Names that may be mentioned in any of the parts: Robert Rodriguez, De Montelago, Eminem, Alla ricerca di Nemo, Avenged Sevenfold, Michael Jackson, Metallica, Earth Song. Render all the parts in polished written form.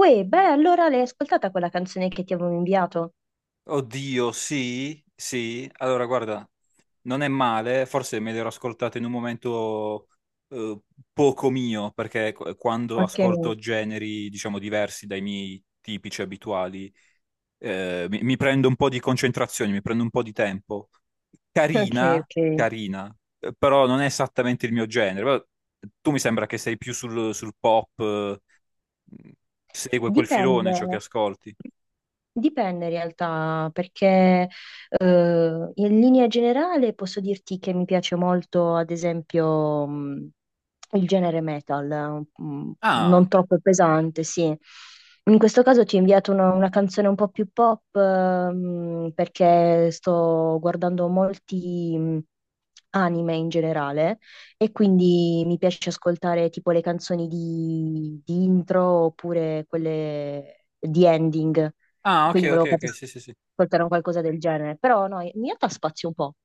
Uè, beh, allora l'hai ascoltata quella canzone che ti avevo inviato? Oddio, sì, sì. Allora, guarda, non è male, forse me l'ero ascoltato in un momento eh, poco mio, perché quando Ok, ascolto generi, diciamo, diversi dai miei tipici abituali, mi prendo un po' di concentrazione, mi prendo un po' di tempo. ok, Carina, ok. carina, però non è esattamente il mio genere. Però tu mi sembra che sei più sul pop, segue quel filone Dipende. ciò che ascolti. Dipende in realtà, perché in linea generale posso dirti che mi piace molto, ad esempio, il genere metal, non Ah, troppo pesante, sì. In questo caso ti ho inviato una canzone un po' più pop, perché sto guardando molti anime in generale e quindi mi piace ascoltare tipo le canzoni di intro oppure quelle di ending. ah, ok, Quindi ok, volevo farti ok, sì, sì, sì. ascoltare un qualcosa del genere. Però no, in realtà spazio un po'.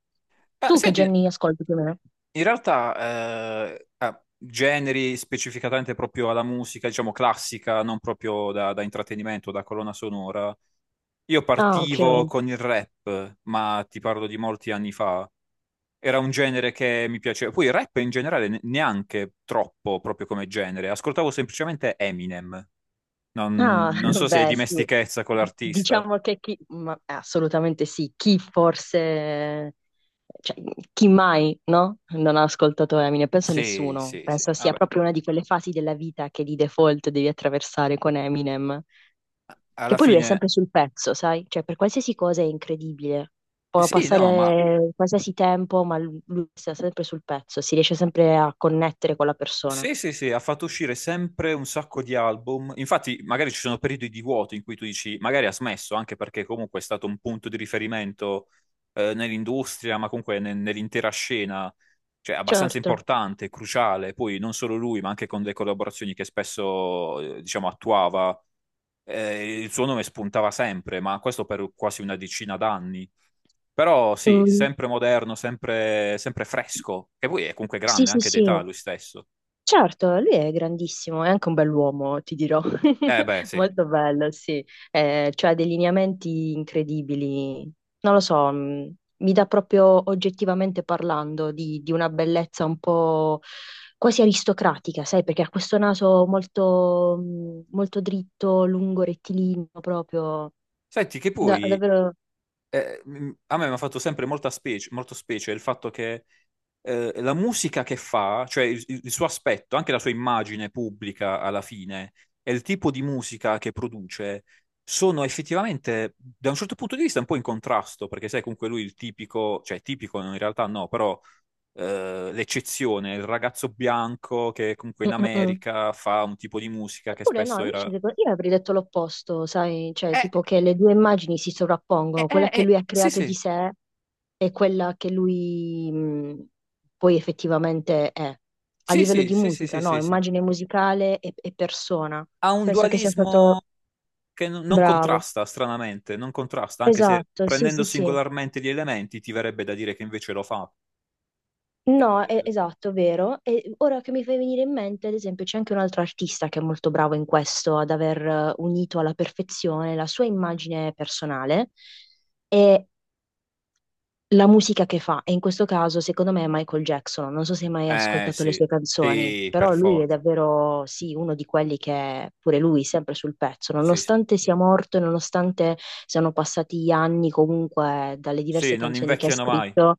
Ah, Tu che senti, generi ascolti più o meno? in realtà, generi specificatamente proprio alla musica, diciamo classica, non proprio da intrattenimento, da colonna sonora. Io Ah, ok. partivo con il rap, ma ti parlo di molti anni fa. Era un genere che mi piaceva. Poi il rap in generale neanche troppo proprio come genere. Ascoltavo semplicemente Eminem. Non, Ah, non so se è beh, sì. dimestichezza con l'artista. Diciamo che chi, ma assolutamente sì, chi forse, cioè, chi mai, no? Non ha ascoltato Eminem, penso Sì, nessuno. sì, sì. Penso sia Vabbè, proprio una di quelle fasi della vita che di default devi attraversare con Eminem. Che alla poi lui è fine, sempre sul pezzo, sai? Cioè, per qualsiasi cosa è incredibile. Può sì, no, ma passare qualsiasi tempo, ma lui sta sempre sul pezzo, si riesce sempre a connettere con la persona. sì, sì, sì, ha fatto uscire sempre un sacco di album. Infatti, magari ci sono periodi di vuoto in cui tu dici, magari ha smesso, anche perché comunque è stato un punto di riferimento nell'industria, ma comunque nell'intera scena, cioè abbastanza Certo. importante, cruciale. Poi non solo lui, ma anche con le collaborazioni che spesso, diciamo, attuava, il suo nome spuntava sempre, ma questo per quasi una decina d'anni. Però sì, Mm, sempre moderno, sempre, sempre fresco, che poi è comunque sì, grande sì, anche d'età sì. lui stesso. Certo, lui è grandissimo, è anche un bell'uomo, ti dirò. Eh beh, sì. Molto bello, sì. Cioè ha dei lineamenti incredibili. Non lo so, mi dà proprio oggettivamente parlando di una bellezza un po' quasi aristocratica, sai, perché ha questo naso molto, molto dritto, lungo, rettilineo, proprio. Senti, che poi Davvero. A me mi ha fatto sempre molta specie, molto specie il fatto che la musica che fa, cioè il suo aspetto, anche la sua immagine pubblica alla fine, e il tipo di musica che produce, sono effettivamente, da un certo punto di vista, un po' in contrasto, perché sai, comunque lui il tipico, cioè tipico in realtà no, però l'eccezione, il ragazzo bianco che comunque in Mm, mm, mm. America fa un tipo di musica che Eppure no, spesso invece era... io avrei detto l'opposto, sai, cioè Eh, tipo che le due immagini si sovrappongono, quella che lui ha sì, creato di sì, sé è quella che lui poi effettivamente è. A sì, livello sì, di sì, sì, musica, sì, no, sì. Sì. immagine musicale e persona. Ha un Penso che sia dualismo stato che non bravo. contrasta, stranamente, non contrasta, anche se Esatto, sì, sì, prendendo sì. singolarmente gli elementi ti verrebbe da dire che invece lo fa. No, è, esatto, vero. E ora che mi fai venire in mente, ad esempio, c'è anche un altro artista che è molto bravo in questo, ad aver unito alla perfezione la sua immagine personale e la musica che fa, e in questo caso secondo me è Michael Jackson, non so se hai mai Eh ascoltato le sì, sue canzoni, sì, per però lui è forza. davvero, sì, uno di quelli che è pure lui sempre sul pezzo, Sì, sì. nonostante sia morto e nonostante siano passati anni comunque dalle diverse Sì, non canzoni che ha invecchiano mai. scritto,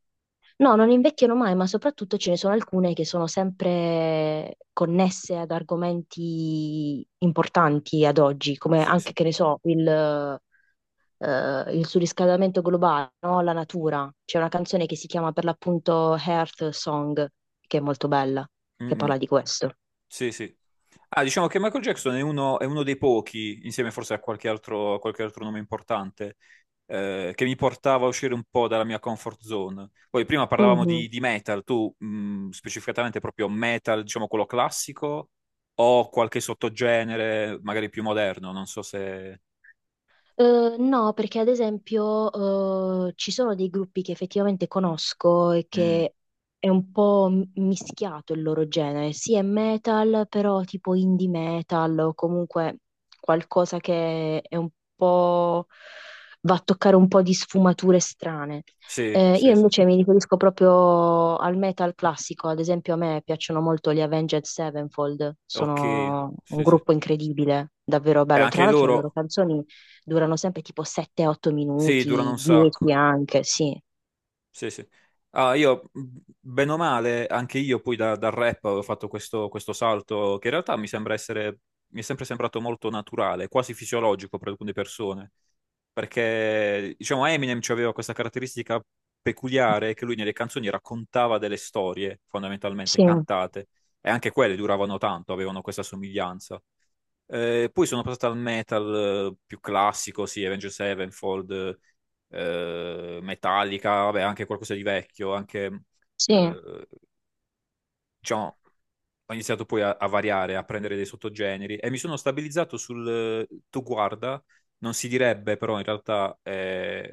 no, non invecchiano mai, ma soprattutto ce ne sono alcune che sono sempre connesse ad argomenti importanti ad oggi, come Sì, anche, sì. che ne so, il surriscaldamento globale, no? La natura. C'è una canzone che si chiama per l'appunto Earth Song, che è molto bella, Mm, che mm. parla di questo. Sì, sì. Ah, diciamo che Michael Jackson è uno dei pochi, insieme forse a qualche altro nome importante, che mi portava a uscire un po' dalla mia comfort zone. Poi prima parlavamo Mhm. di metal, tu specificatamente proprio metal, diciamo quello classico, o qualche sottogenere magari più moderno, non so se... No, perché ad esempio ci sono dei gruppi che effettivamente conosco e Mm, che è un po' mischiato il loro genere, sì è metal, però tipo indie metal o comunque qualcosa che è un po' va a toccare un po' di sfumature strane. sì, Io sì, sì. Sì. invece mi riferisco proprio al metal classico, ad esempio a me piacciono molto gli Avenged Sevenfold, Ok, sono un sì, sì. gruppo incredibile, davvero E bello. Tra anche l'altro le loro loro, canzoni durano sempre tipo 7-8 sì, durano minuti, un 10 sacco. anche, sì, Sì, sì. Ah, io, bene o male, anche io poi dal rap ho fatto questo salto che in realtà mi sembra essere, mi è sempre sembrato molto naturale, quasi fisiologico per alcune persone. Perché, diciamo, Eminem aveva questa caratteristica peculiare che lui nelle canzoni raccontava delle storie, fondamentalmente, sì, cantate. E anche quelle duravano tanto, avevano questa somiglianza. Poi sono passato al metal più classico, sì, Avenged Sevenfold, Metallica, vabbè, anche qualcosa di vecchio, anche, sì. eh, diciamo, ho iniziato poi a variare, a prendere dei sottogeneri e mi sono stabilizzato sul tu guarda, non si direbbe, però in realtà è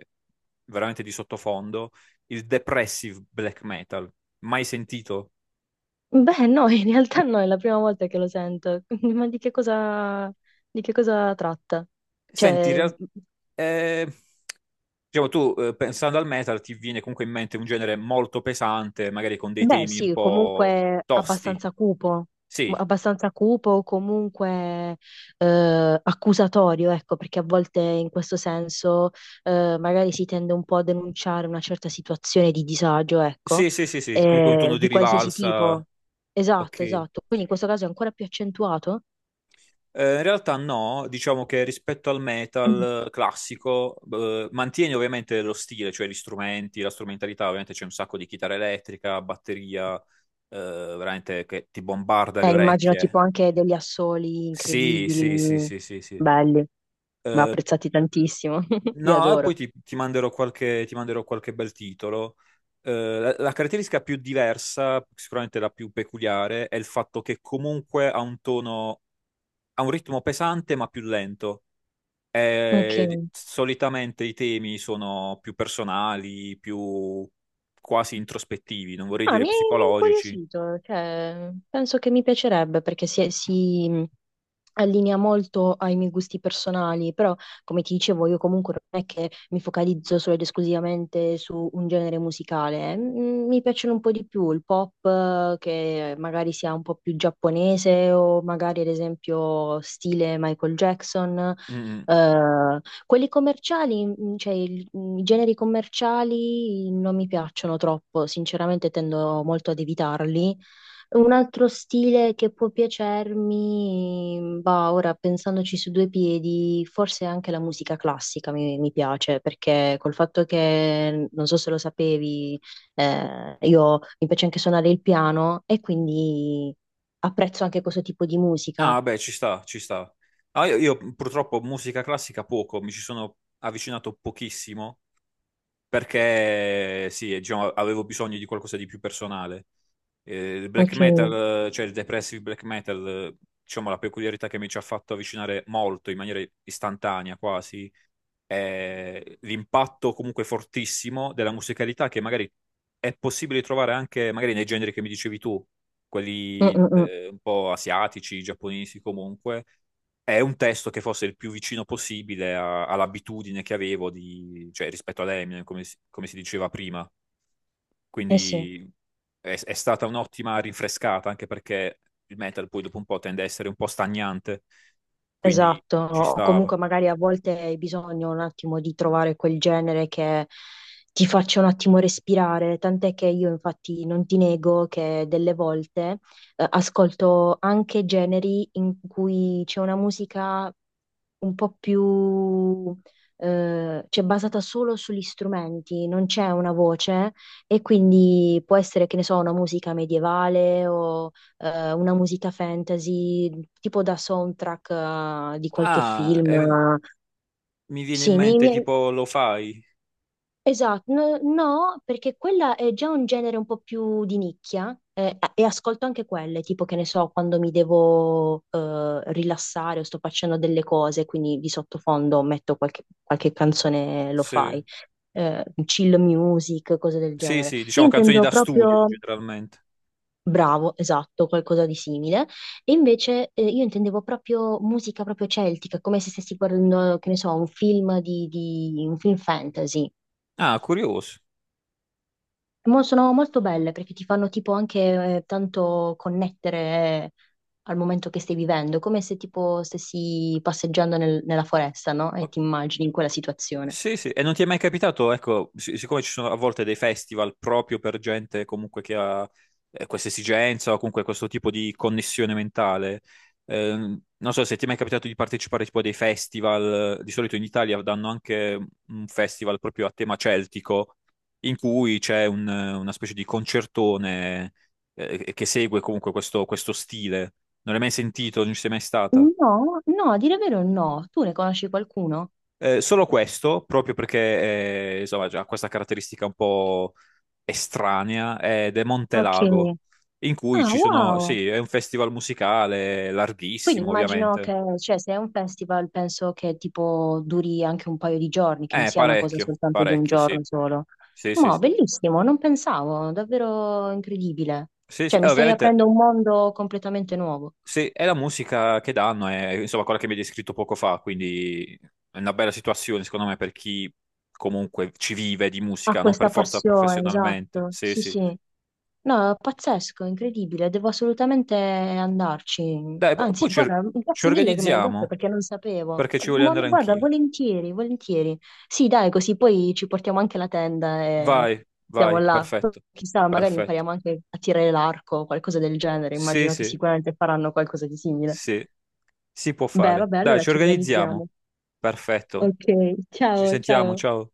veramente di sottofondo, il depressive black metal, mai sentito? Beh, no, in realtà no, è la prima volta che lo sento. Ma di che cosa tratta? Senti, in Cioè, realtà... Diciamo, tu pensando al metal ti viene comunque in mente un genere molto pesante, magari con dei beh, temi un sì, po' comunque tosti. abbastanza cupo, Sì, abbastanza cupo, comunque accusatorio, ecco, perché a volte in questo senso magari si tende un po' a denunciare una certa situazione di disagio, ecco, sì, sì, sì, sì, comunque un tono di di qualsiasi tipo. rivalsa. Esatto, Ok. esatto. Quindi in questo caso è ancora più accentuato. In realtà no, diciamo che rispetto al metal classico mantieni ovviamente lo stile, cioè gli strumenti, la strumentalità, ovviamente c'è un sacco di chitarra elettrica, batteria, eh, veramente che ti bombarda le Immagino tipo orecchie. anche degli assoli Sì, incredibili, sì, sì, sì, sì, sì. belli, ma Eh, apprezzati tantissimo, li No, e adoro. poi ti manderò qualche bel titolo. La caratteristica più diversa, sicuramente la più peculiare, è il fatto che comunque ha un tono, ha un ritmo pesante ma più lento. Ok. E solitamente i temi sono più personali, più quasi introspettivi, non vorrei Ah, dire mi è psicologici. incuriosito, cioè, penso che mi piacerebbe perché allinea molto ai miei gusti personali, però come ti dicevo io comunque non è che mi focalizzo solo ed esclusivamente su un genere musicale. Mm, mi piacciono un po' di più il pop che magari sia un po' più giapponese o magari ad esempio stile Michael Jackson. Mm. Eh, quelli commerciali, mm, cioè i generi commerciali non mi piacciono troppo, sinceramente tendo molto ad evitarli. Un altro stile che può piacermi, bah, ora pensandoci su due piedi, forse anche la musica classica mi piace, perché col fatto che, non so se lo sapevi, io mi piace anche suonare il piano e quindi apprezzo anche questo tipo di musica. Ah, beh, ci sta, ci sta. Ah, io purtroppo musica classica poco, mi ci sono avvicinato pochissimo perché sì, diciamo, avevo bisogno di qualcosa di più personale. Il black Ok. Mm, metal, cioè il depressive black metal, diciamo la peculiarità che mi ci ha fatto avvicinare molto, in maniera istantanea quasi, l'impatto comunque fortissimo della musicalità che magari è possibile trovare anche magari nei generi che mi dicevi tu, mm, quelli mm. Un po' asiatici, giapponesi comunque. È un testo che fosse il più vicino possibile all'abitudine che avevo di, cioè, rispetto ad Eminem, come si diceva prima. Eh sì. Quindi è stata un'ottima rinfrescata, anche perché il metal poi dopo un po' tende a essere un po' stagnante, quindi Esatto, ci o stava. comunque magari a volte hai bisogno un attimo di trovare quel genere che ti faccia un attimo respirare, tant'è che io infatti non ti nego che delle volte ascolto anche generi in cui c'è una musica un po' più, cioè basata solo sugli strumenti, non c'è una voce e quindi può essere, che ne so, una musica medievale o una musica fantasy, tipo da soundtrack di qualche Ah, film. Mi viene in Sì, mente tipo lo fai? esatto, no, no, perché quella è già un genere un po' più di nicchia e ascolto anche quelle, tipo che ne so, quando mi devo rilassare o sto facendo delle cose, quindi di sottofondo metto qualche, qualche canzone Sì. lo-fi, chill music, cose del Sì, genere. sì, Io diciamo canzoni intendo da studio proprio, generalmente. bravo, esatto, qualcosa di simile, e invece io intendevo proprio musica proprio celtica, come se stessi guardando, che ne so, un film un film fantasy. Ah, curioso. Sono molto belle perché ti fanno tipo anche tanto connettere eh, al momento che stai vivendo, come se tipo stessi passeggiando nella foresta, no? E Ok. ti immagini in quella situazione. Sì, sì, e non ti è mai capitato, ecco, siccome ci sono a volte dei festival proprio per gente comunque che ha questa esigenza o comunque questo tipo di connessione mentale, non so se ti è mai capitato di partecipare tipo a dei festival, di solito in Italia danno anche un festival proprio a tema celtico, in cui c'è una specie di concertone che segue comunque questo stile. Non l'hai mai sentito, non ci sei mai stata? No, no, a dire vero no. Tu ne conosci qualcuno? Solo questo, proprio perché insomma, ha questa caratteristica un po' estranea, è De Ok. Montelago, in cui Ah, ci sono, wow. sì, è un festival musicale Quindi larghissimo, immagino ovviamente. che, cioè, se è un festival, penso che tipo duri anche un paio di giorni, che non sia una cosa Parecchio, soltanto di un parecchio, giorno sì. solo. Sì, sì, Ma sì. bellissimo, non pensavo, davvero incredibile. Sì, sì, Cioè, mi stai ovviamente, aprendo un mondo completamente nuovo. sì, è la musica che danno, è insomma quella che mi hai descritto poco fa, quindi è una bella situazione, secondo me, per chi comunque ci vive di Ha musica, non per questa forza passione, professionalmente. esatto. Sì, Sì, sì. sì. No, è pazzesco, incredibile, devo assolutamente andarci. Dai, poi Anzi, guarda, ci grazie mille che me l'hai detto organizziamo. perché non sapevo. Perché ci voglio Ma andare guarda, anch'io. volentieri, volentieri. Sì, dai, così poi ci portiamo anche la tenda e Vai, siamo vai, là. Poi, perfetto, chissà, magari perfetto. impariamo anche a tirare l'arco o qualcosa del genere. Sì, Immagino che sì, sicuramente faranno qualcosa di simile. sì, si può Beh, fare. vabbè, Dai, allora ci ci organizziamo. organizziamo. Perfetto. Ok, Ci ciao, sentiamo, ciao. ciao.